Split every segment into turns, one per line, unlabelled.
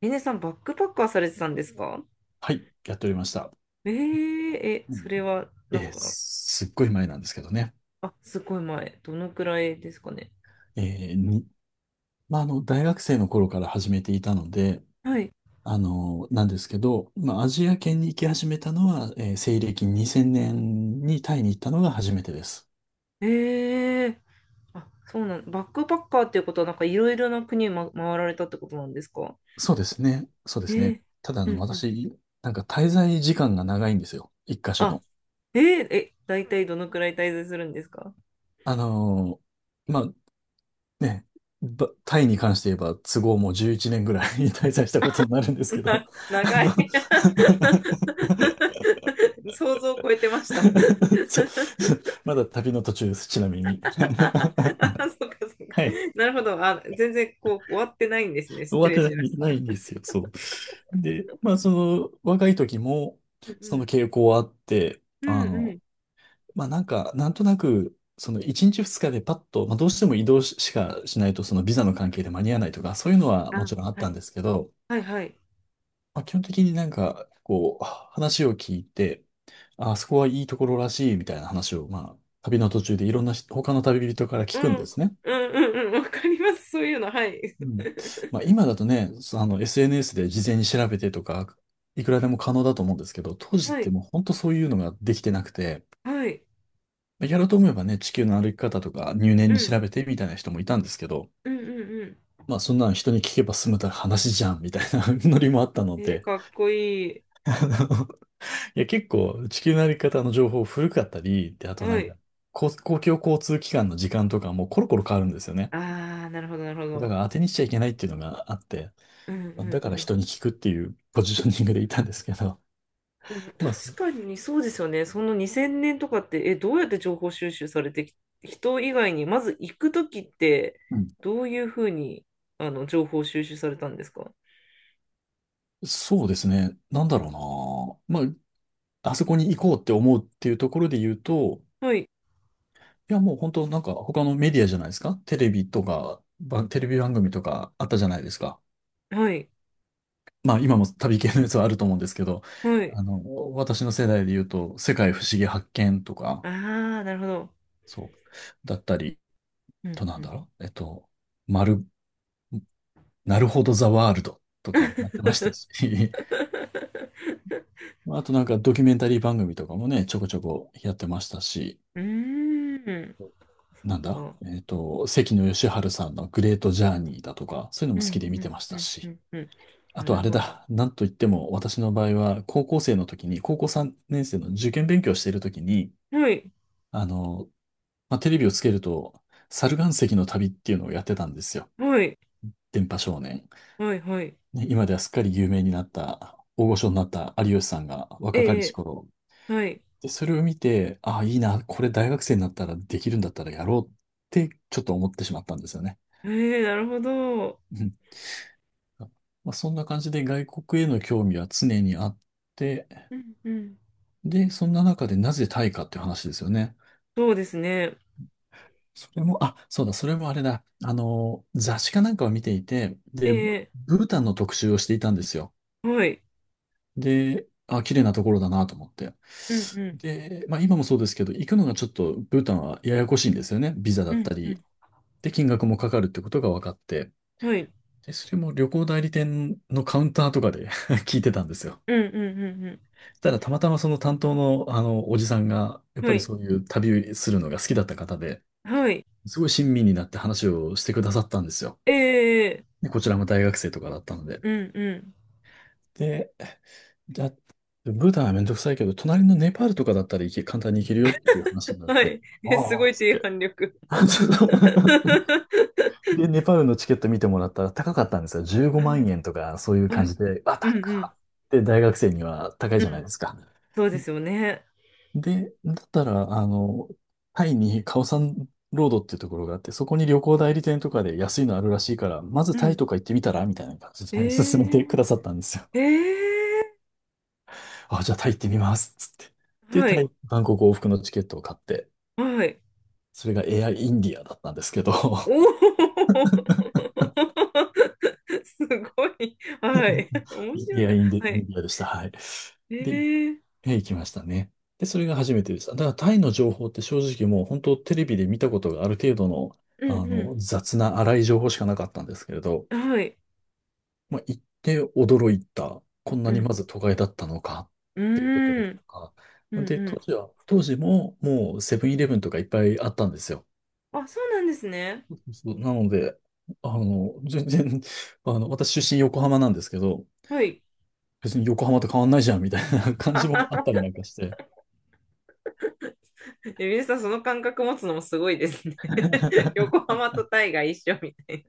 ミネさん、バックパッカーされてたんですか？
はい、やっておりました。う
そ
ん。
れは、なんか。
すっごい前なんですけどね。
あ、すごい前。どのくらいですかね。
えーに、まあ、大学生の頃から始めていたので、
はい。
なんですけど、まあ、アジア圏に行き始めたのは、西暦2000年にタイに行ったのが初めてです。
えー、あ、そうなん、バックパッカーっていうことは、なんかいろいろな国を、ま、回られたってことなんですか？
そうですね。そうで
え
すね。
ー、
ただ、
うんうん。
私、なんか滞在時間が長いんですよ。一箇所
あ、
の。
えー、大体どのくらい滞在するんですか？
あのまあ、ね、タイに関して言えば、都合もう11年ぐらい 滞在したことになるんですけど、あ
長い
の
想像を超えてました。
そう。まだ旅の途中です、ちなみに。
あ、そうかそうか。
はい。
なるほど。あ、全然こう終わってないんですね。
終
失
わっ
礼
てな
しまし
い
た。
ないんですよ、そう。で、まあ、その、若い時も、
うんう
その
ん。
傾向はあって、
うんうん。
まあ、なんか、なんとなく、その、1日2日でパッと、まあ、どうしても移動ししかしないと、その、ビザの関係で間に合わないとか、そういうのは
あ、
もちろんあっ
は
たん
い。
ですけど、
はいはい。
まあ、基本的になんか、こう、話を聞いて、あ、あそこはいいところらしい、みたいな話を、まあ、旅の途中でいろんな人他の旅人から
う
聞く
ん。
ん
う
で
ん
すね。
うんうん。わかります。そういうの。はい。
うん。まあ、今だとね、そあの、SNS で事前に調べてとか、いくらでも可能だと思うんですけど、当時っ
は
て
い。
もう本当そういうのができてなくて、
はい。
まあやろうと思えばね、地球の歩き方とか入念
う
に
ん。
調べてみたいな人もいたんですけど、
うんうんう
まあそんなの人に聞けば済むたら話じゃんみたいな ノリもあったの
ん。
で、
かっこいい。
あのいや結構地球の歩き方の情報古かったり、で、あとな
は
んか、
い。
公共交通機関の時間とかもコロコロ変わるんですよね。
ああ、なるほど、なるほ
だか
ど。
ら当てにしちゃいけないっていうのがあって、
うんう
だ
ん
から
うん。
人に聞くっていう ポジショニングでいたんですけど、
でも
まあ、
確かにそうですよね。その2000年とかって、どうやって情報収集されてき、人以外に、まず行くときって、
うん、
どういうふうに、情報収集されたんですか？
そうですね。なんだろうな。まあ、あそこに行こうって思うっていうところで言うと、
はい。
いや、もう本当なんか他のメディアじゃないですか。テレビとか、テレビ番組とかあったじゃないですか。
はい。
まあ、今も旅系のやつはあると思うんですけど、
はい。
あの、私の世代で言うと、世界不思議発見とか、
ああ、なるほど。
そう、だったり、
うん
とな
う
んだ
ん
ろう。まる、なるほどザワールドとかもやってましたし、まあとなんかドキュメンタリー番組とかもね、ちょこちょこやってましたし、
うーん、そっ
なんだ
か。
えっと、関野吉晴さんのグレートジャーニーだとか、そういうの
う
も好き
ん、
で見
う
てま
ん、
し
う
た
ん、う
し、
ん、うん。
あ
な
とあ
る
れ
ほど。
だ、なんといっても私の場合は高校生の時に、高校3年生の受験勉強している時に、
はい、
あの、まあ、テレビをつけると、猿岩石の旅っていうのをやってたんですよ。
はい、
電波少年。
はい、はい。
ね、今ではすっかり有名になった、大御所になった有吉さんが
え
若かりし
え、
頃
はい。
で、それを見て、ああ、いいな、これ大学生になったらできるんだったらやろうってちょっと思ってしまったんですよね。
ええ、なるほど。
うん。まあ、そんな感じで外国への興味は常にあって、
うん、うん。
で、そんな中でなぜタイかっていう話ですよね。
そうですね。
それも、あ、そうだ、それもあれだ。雑誌かなんかを見ていて、
え
で、
え、
ブータンの特集をしていたんですよ。
はい。
で、あ、綺麗なところだなと思って。
うん、う
で、まあ今もそうですけど、行くのがちょっとブータンはややこしいんですよね。ビザだ
ん、
っ
う
た
ん、う
り、
ん。
で、金額もかかるってことが分かって、
はい。
で、それも旅行代理店のカウンターとかで 聞いてたんですよ。
うん、うん、うん、う
ただ、たまたまその担当の、おじさんが、やっ
ん。
ぱ
は
り
い、
そういう旅するのが好きだった方で、
はい。
すごい親身になって話をしてくださったんですよ。
ええ、
で、こちらも大学生とかだったので。
うん、う
で、ブータンはめんどくさいけど、隣のネパールとかだったら簡単に行けるよっていう話にな
ん。
っ
は
て、
い。す
あ
ご
あ、
い
つっ
低
て。
反力。
で、ネパールのチケット見てもらったら高かったんですよ。15
は
万
い、
円とか、そういう
は
感
い。
じで、あ、
うん、う
高
ん、
っって大学生には高い
う
じゃない
ん。
ですか。
そうですよね。
で、だったら、タイにカオサンロードっていうところがあって、そこに旅行代理店とかで安いのあるらしいから、まず
う
タイ
ん。
とか行ってみたらみたいな感じで
え
勧め
ー、
てくださったんですよ。
え
あ、じゃあタイ行ってみます。つって。で、
は
タ
い、
イ、バンコク往復のチケットを買って、
はい。
それがエアインディアだったんですけど、
おお すごい。はい。面白い
エア
な。
インディ、
は
イン
い。
ディアでした。はい。
え
で、
ー、
行きましたね。で、それが初めてです。だからタイの情報って正直もう本当テレビで見たことがある程度の、
うん
雑な粗い情報しかなかったんですけれど、
うん。はい。
まあ、行って驚いた。こんな
う
にま
ん。
ず都会だったのかっ
う
ていうところ
ー
と
ん。
か。
うん
で、
う
当時ももうセブンイレブンとかいっぱいあったんですよ。
ん。あ、そうなんですね。
そうなので、全然、私出身横浜なんですけど、
はい。
別に横浜と変わんないじゃんみたいな感じもあっ たりなんかして。
皆さん、その感覚持つのもすごいですね。横浜とタイが一緒みたい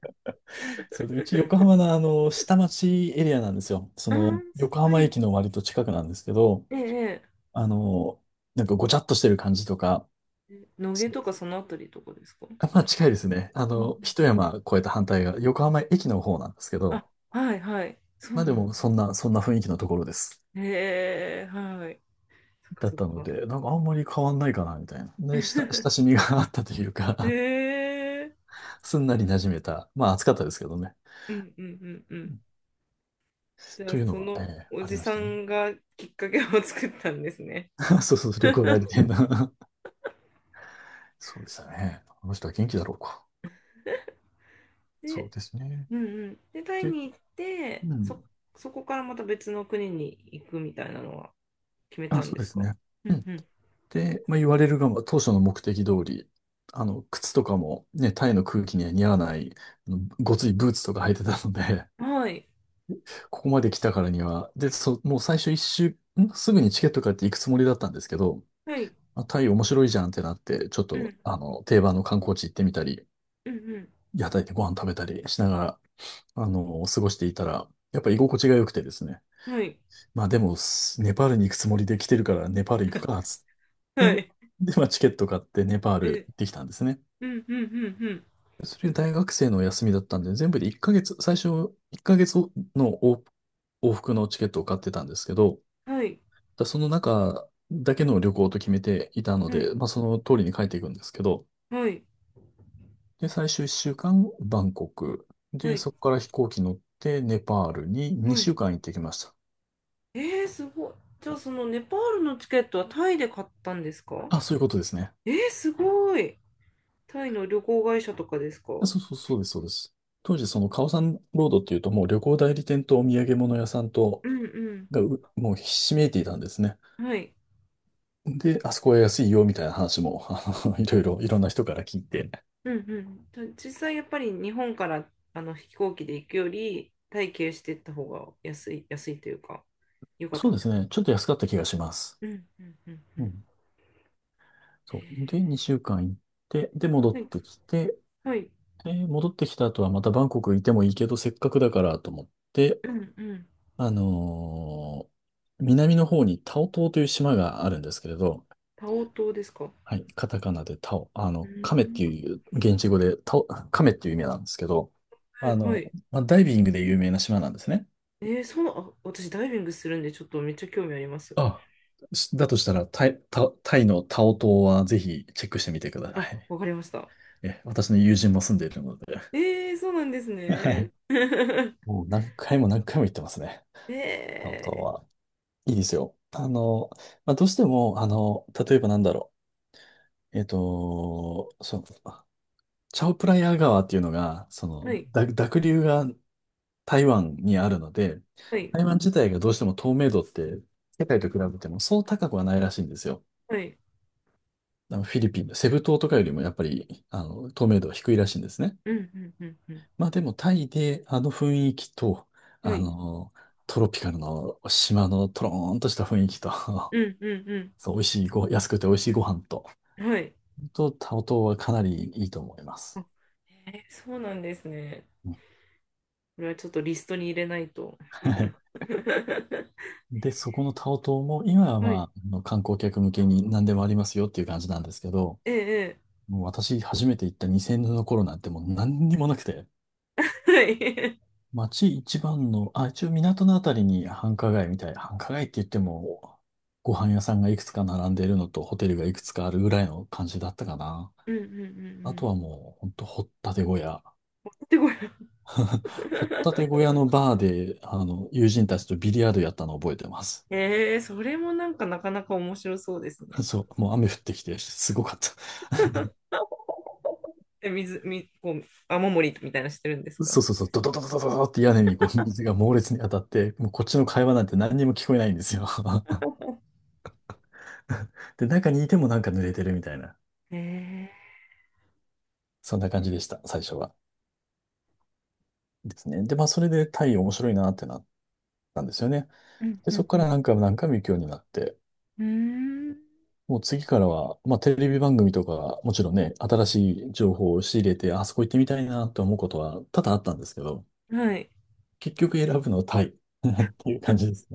それで、うち横浜の下町エリアなんですよ。そ
な。あ
の、横
ー、
浜
はい。
駅の割と近くなんですけど、
ええ、
あの、なんかごちゃっとしてる感じとか、
ええ野毛
そう
とかそのあたりとかですか？
あまあ近いですね。
うん、
一山越えた反対が横浜駅の方なんですけど、
あ、はいはい。そ
ま
う
あで
なの。
もそんな雰囲気のところです。
へえ、はい。そっか
だっ
そっ
たの
か。
で、なんかあんまり変わんないかな、みたいな。で、親しみ が あったという
へ
か
え、
すんなり馴染めた。まあ暑かったですけどね。
うんうんうんうん。じゃ
と
あ、
いうの
そ
は、え
の
え
お
あり
じ
まし
さ
たね。
んがきっかけを 作ったんですね。
そうそう、旅行代理 店な そうでしたね。あの人は元気だろうか。そう
で、
ですね。
うんうん。で、タイ
で、
に行って、
うん。
そこからまた別の国に行くみたいなのは決めた
あ、
ん
そ
で
うで
す
す
か？
ね。
う
うん。
ん
で、まあ、言われるがまあ、当初の目的通り、靴とかもね、タイの空気には似合わない、あのごついブーツとか履いてたので、
うん。はい。
ここまで来たからには、で、もう最初一周、すぐにチケット買って行くつもりだったんですけど、
はい。
あ、タイ面白いじゃんってなって、ちょっ
う
と、
ん。
定番の観光地行ってみたり、
うん
屋台でご飯食べたりしながら、過ごしていたら、やっぱ居心地が良くてですね。
うん。はい。
まあでも、ネパールに行くつもりで来てるから、ネパール行くか、
は
で、
い。
で、まあ、チケット買ってネパール
え、
行ってきたんですね。
うんうんうんうん。
それ大学生の休みだったんで、全部で1ヶ月、最初1ヶ月の往復のチケットを買ってたんですけど、
はい。
その中だけの旅行と決めていたの
はい。
で、まあ、その通りに帰っていくんですけど、
はい。
で、最終1週間、バンコク。
は
で、
い。
そこから飛行機乗って、ネパールに
は
2
い。
週間行ってきました。
すごい。じゃあ、そのネパールのチケットはタイで買ったんですか？
あ、そういうことですね。
すごい。タイの旅行会社とかですか？う
あ、
ん
そうそう、そうです、そうです。当時、そのカオサンロードっていうと、もう旅行代理店とお土産物屋さんと、
う
もうひしめいていたんですね。
ん。はい。
で、あそこは安いよみたいな話も、いろんな人から聞いて。
うんうん。実際、やっぱり日本からあの飛行機で行くより、タイ経由していった方が安い、安いというか、良かっ
そ
た
う
ん
で
で
す
すか
ね。
ね。
ちょっと安かった気がします。
うんうんうんう
う
ん。
ん。そう。で、
え
2週間行って、で、戻っ
はい。
てきて、
はい。
で戻ってきた後はまたバンコクいてもいいけど、せっかくだからと思って、
うんうん。
あのー南の方にタオ島という島があるんですけれど、
タオ島ですか？
はい、カタカナでタオ、
う
カメって
ん。
いう、現地語でタオ、カメっていう意味なんですけど、
は
あ
いは
の、
い。
まあ、ダイビングで有名な島なんですね。
そう、あ、私ダイビングするんで、ちょっとめっちゃ興味あります。
あ、だとしたら、タイのタオ島はぜひチェックしてみてくださ
あ、
い。
わかりました。
え、私の友人も住んでいるので。
ええ、そうなんです
は
ね。
い。もう何回も何回も行ってますね。タオ島
ええ、
は。いいですよ。まあ、どうしても、例えばなんだろう。そう、チャオプラヤ川っていうのが、そ
は
の、
い、
濁流が台湾にあるので、
はい、
台湾自体がどうしても透明度って世界と比べてもそう高くはないらしいんですよ。
はい。
あのフィリピンのセブ島とかよりもやっぱり、透明度は低いらしいんですね。
うん、うん、うん、うん。
まあでもタイであの雰囲気と、
は
あ
い、
の、トロピカルの島のトローンとした雰囲気と
うん、うん、う
そう、美味しいご、安くて美味しいご飯と、
ん。はい。
と、タオ島はかなりいいと思います。
あ、ええ、そうなんですね。
うん、
これはちょっとリストに入れないと。
はい。で、そこのタオ島も、今は
は
まあ、
い、
あの観光客向けに何でもありますよっていう感じなんですけど、
ええ、
もう私初めて行った2000年の頃なんてもう何にもなくて、
ええ、はい。
街一番の、あ、一応港のあたりに繁華街みたい。繁華街って言っても、ご飯屋さんがいくつか並んでいるのと、ホテルがいくつかあるぐらいの感じだったかな。
うん、うん、うん、う
あと
ん。
はもう、ほんと、掘ったて小屋。
で、これ。
掘ったて 小屋のバーで、友人たちとビリヤードやったのを覚えてます。
ええ、それもなんかなかなか面白そうです ね。
そう、もう雨降ってきて、すごかった。
え、こう、雨漏りみたいなのしてるんです
そ
か？
うそうそう、ドドドドドドドって屋根にこう水が猛烈に当たって、もうこっちの会話なんて何にも聞こえないんですよ。で、中にいてもなんか濡れてるみたいな、
ええ、
そんな感じでした、最初は。ですね。で、まあ、それでタイ面白いなってなったんですよね。
うん
で、
う
そ
ん
こか
う
ら
ん。
何回も何回も行くようになって、
うーん、
もう次からは、まあ、テレビ番組とか、もちろんね、新しい情報を仕入れて、あそこ行ってみたいなと思うことは多々あったんですけど、
はい。
結局選ぶのはタイ っていう感じです。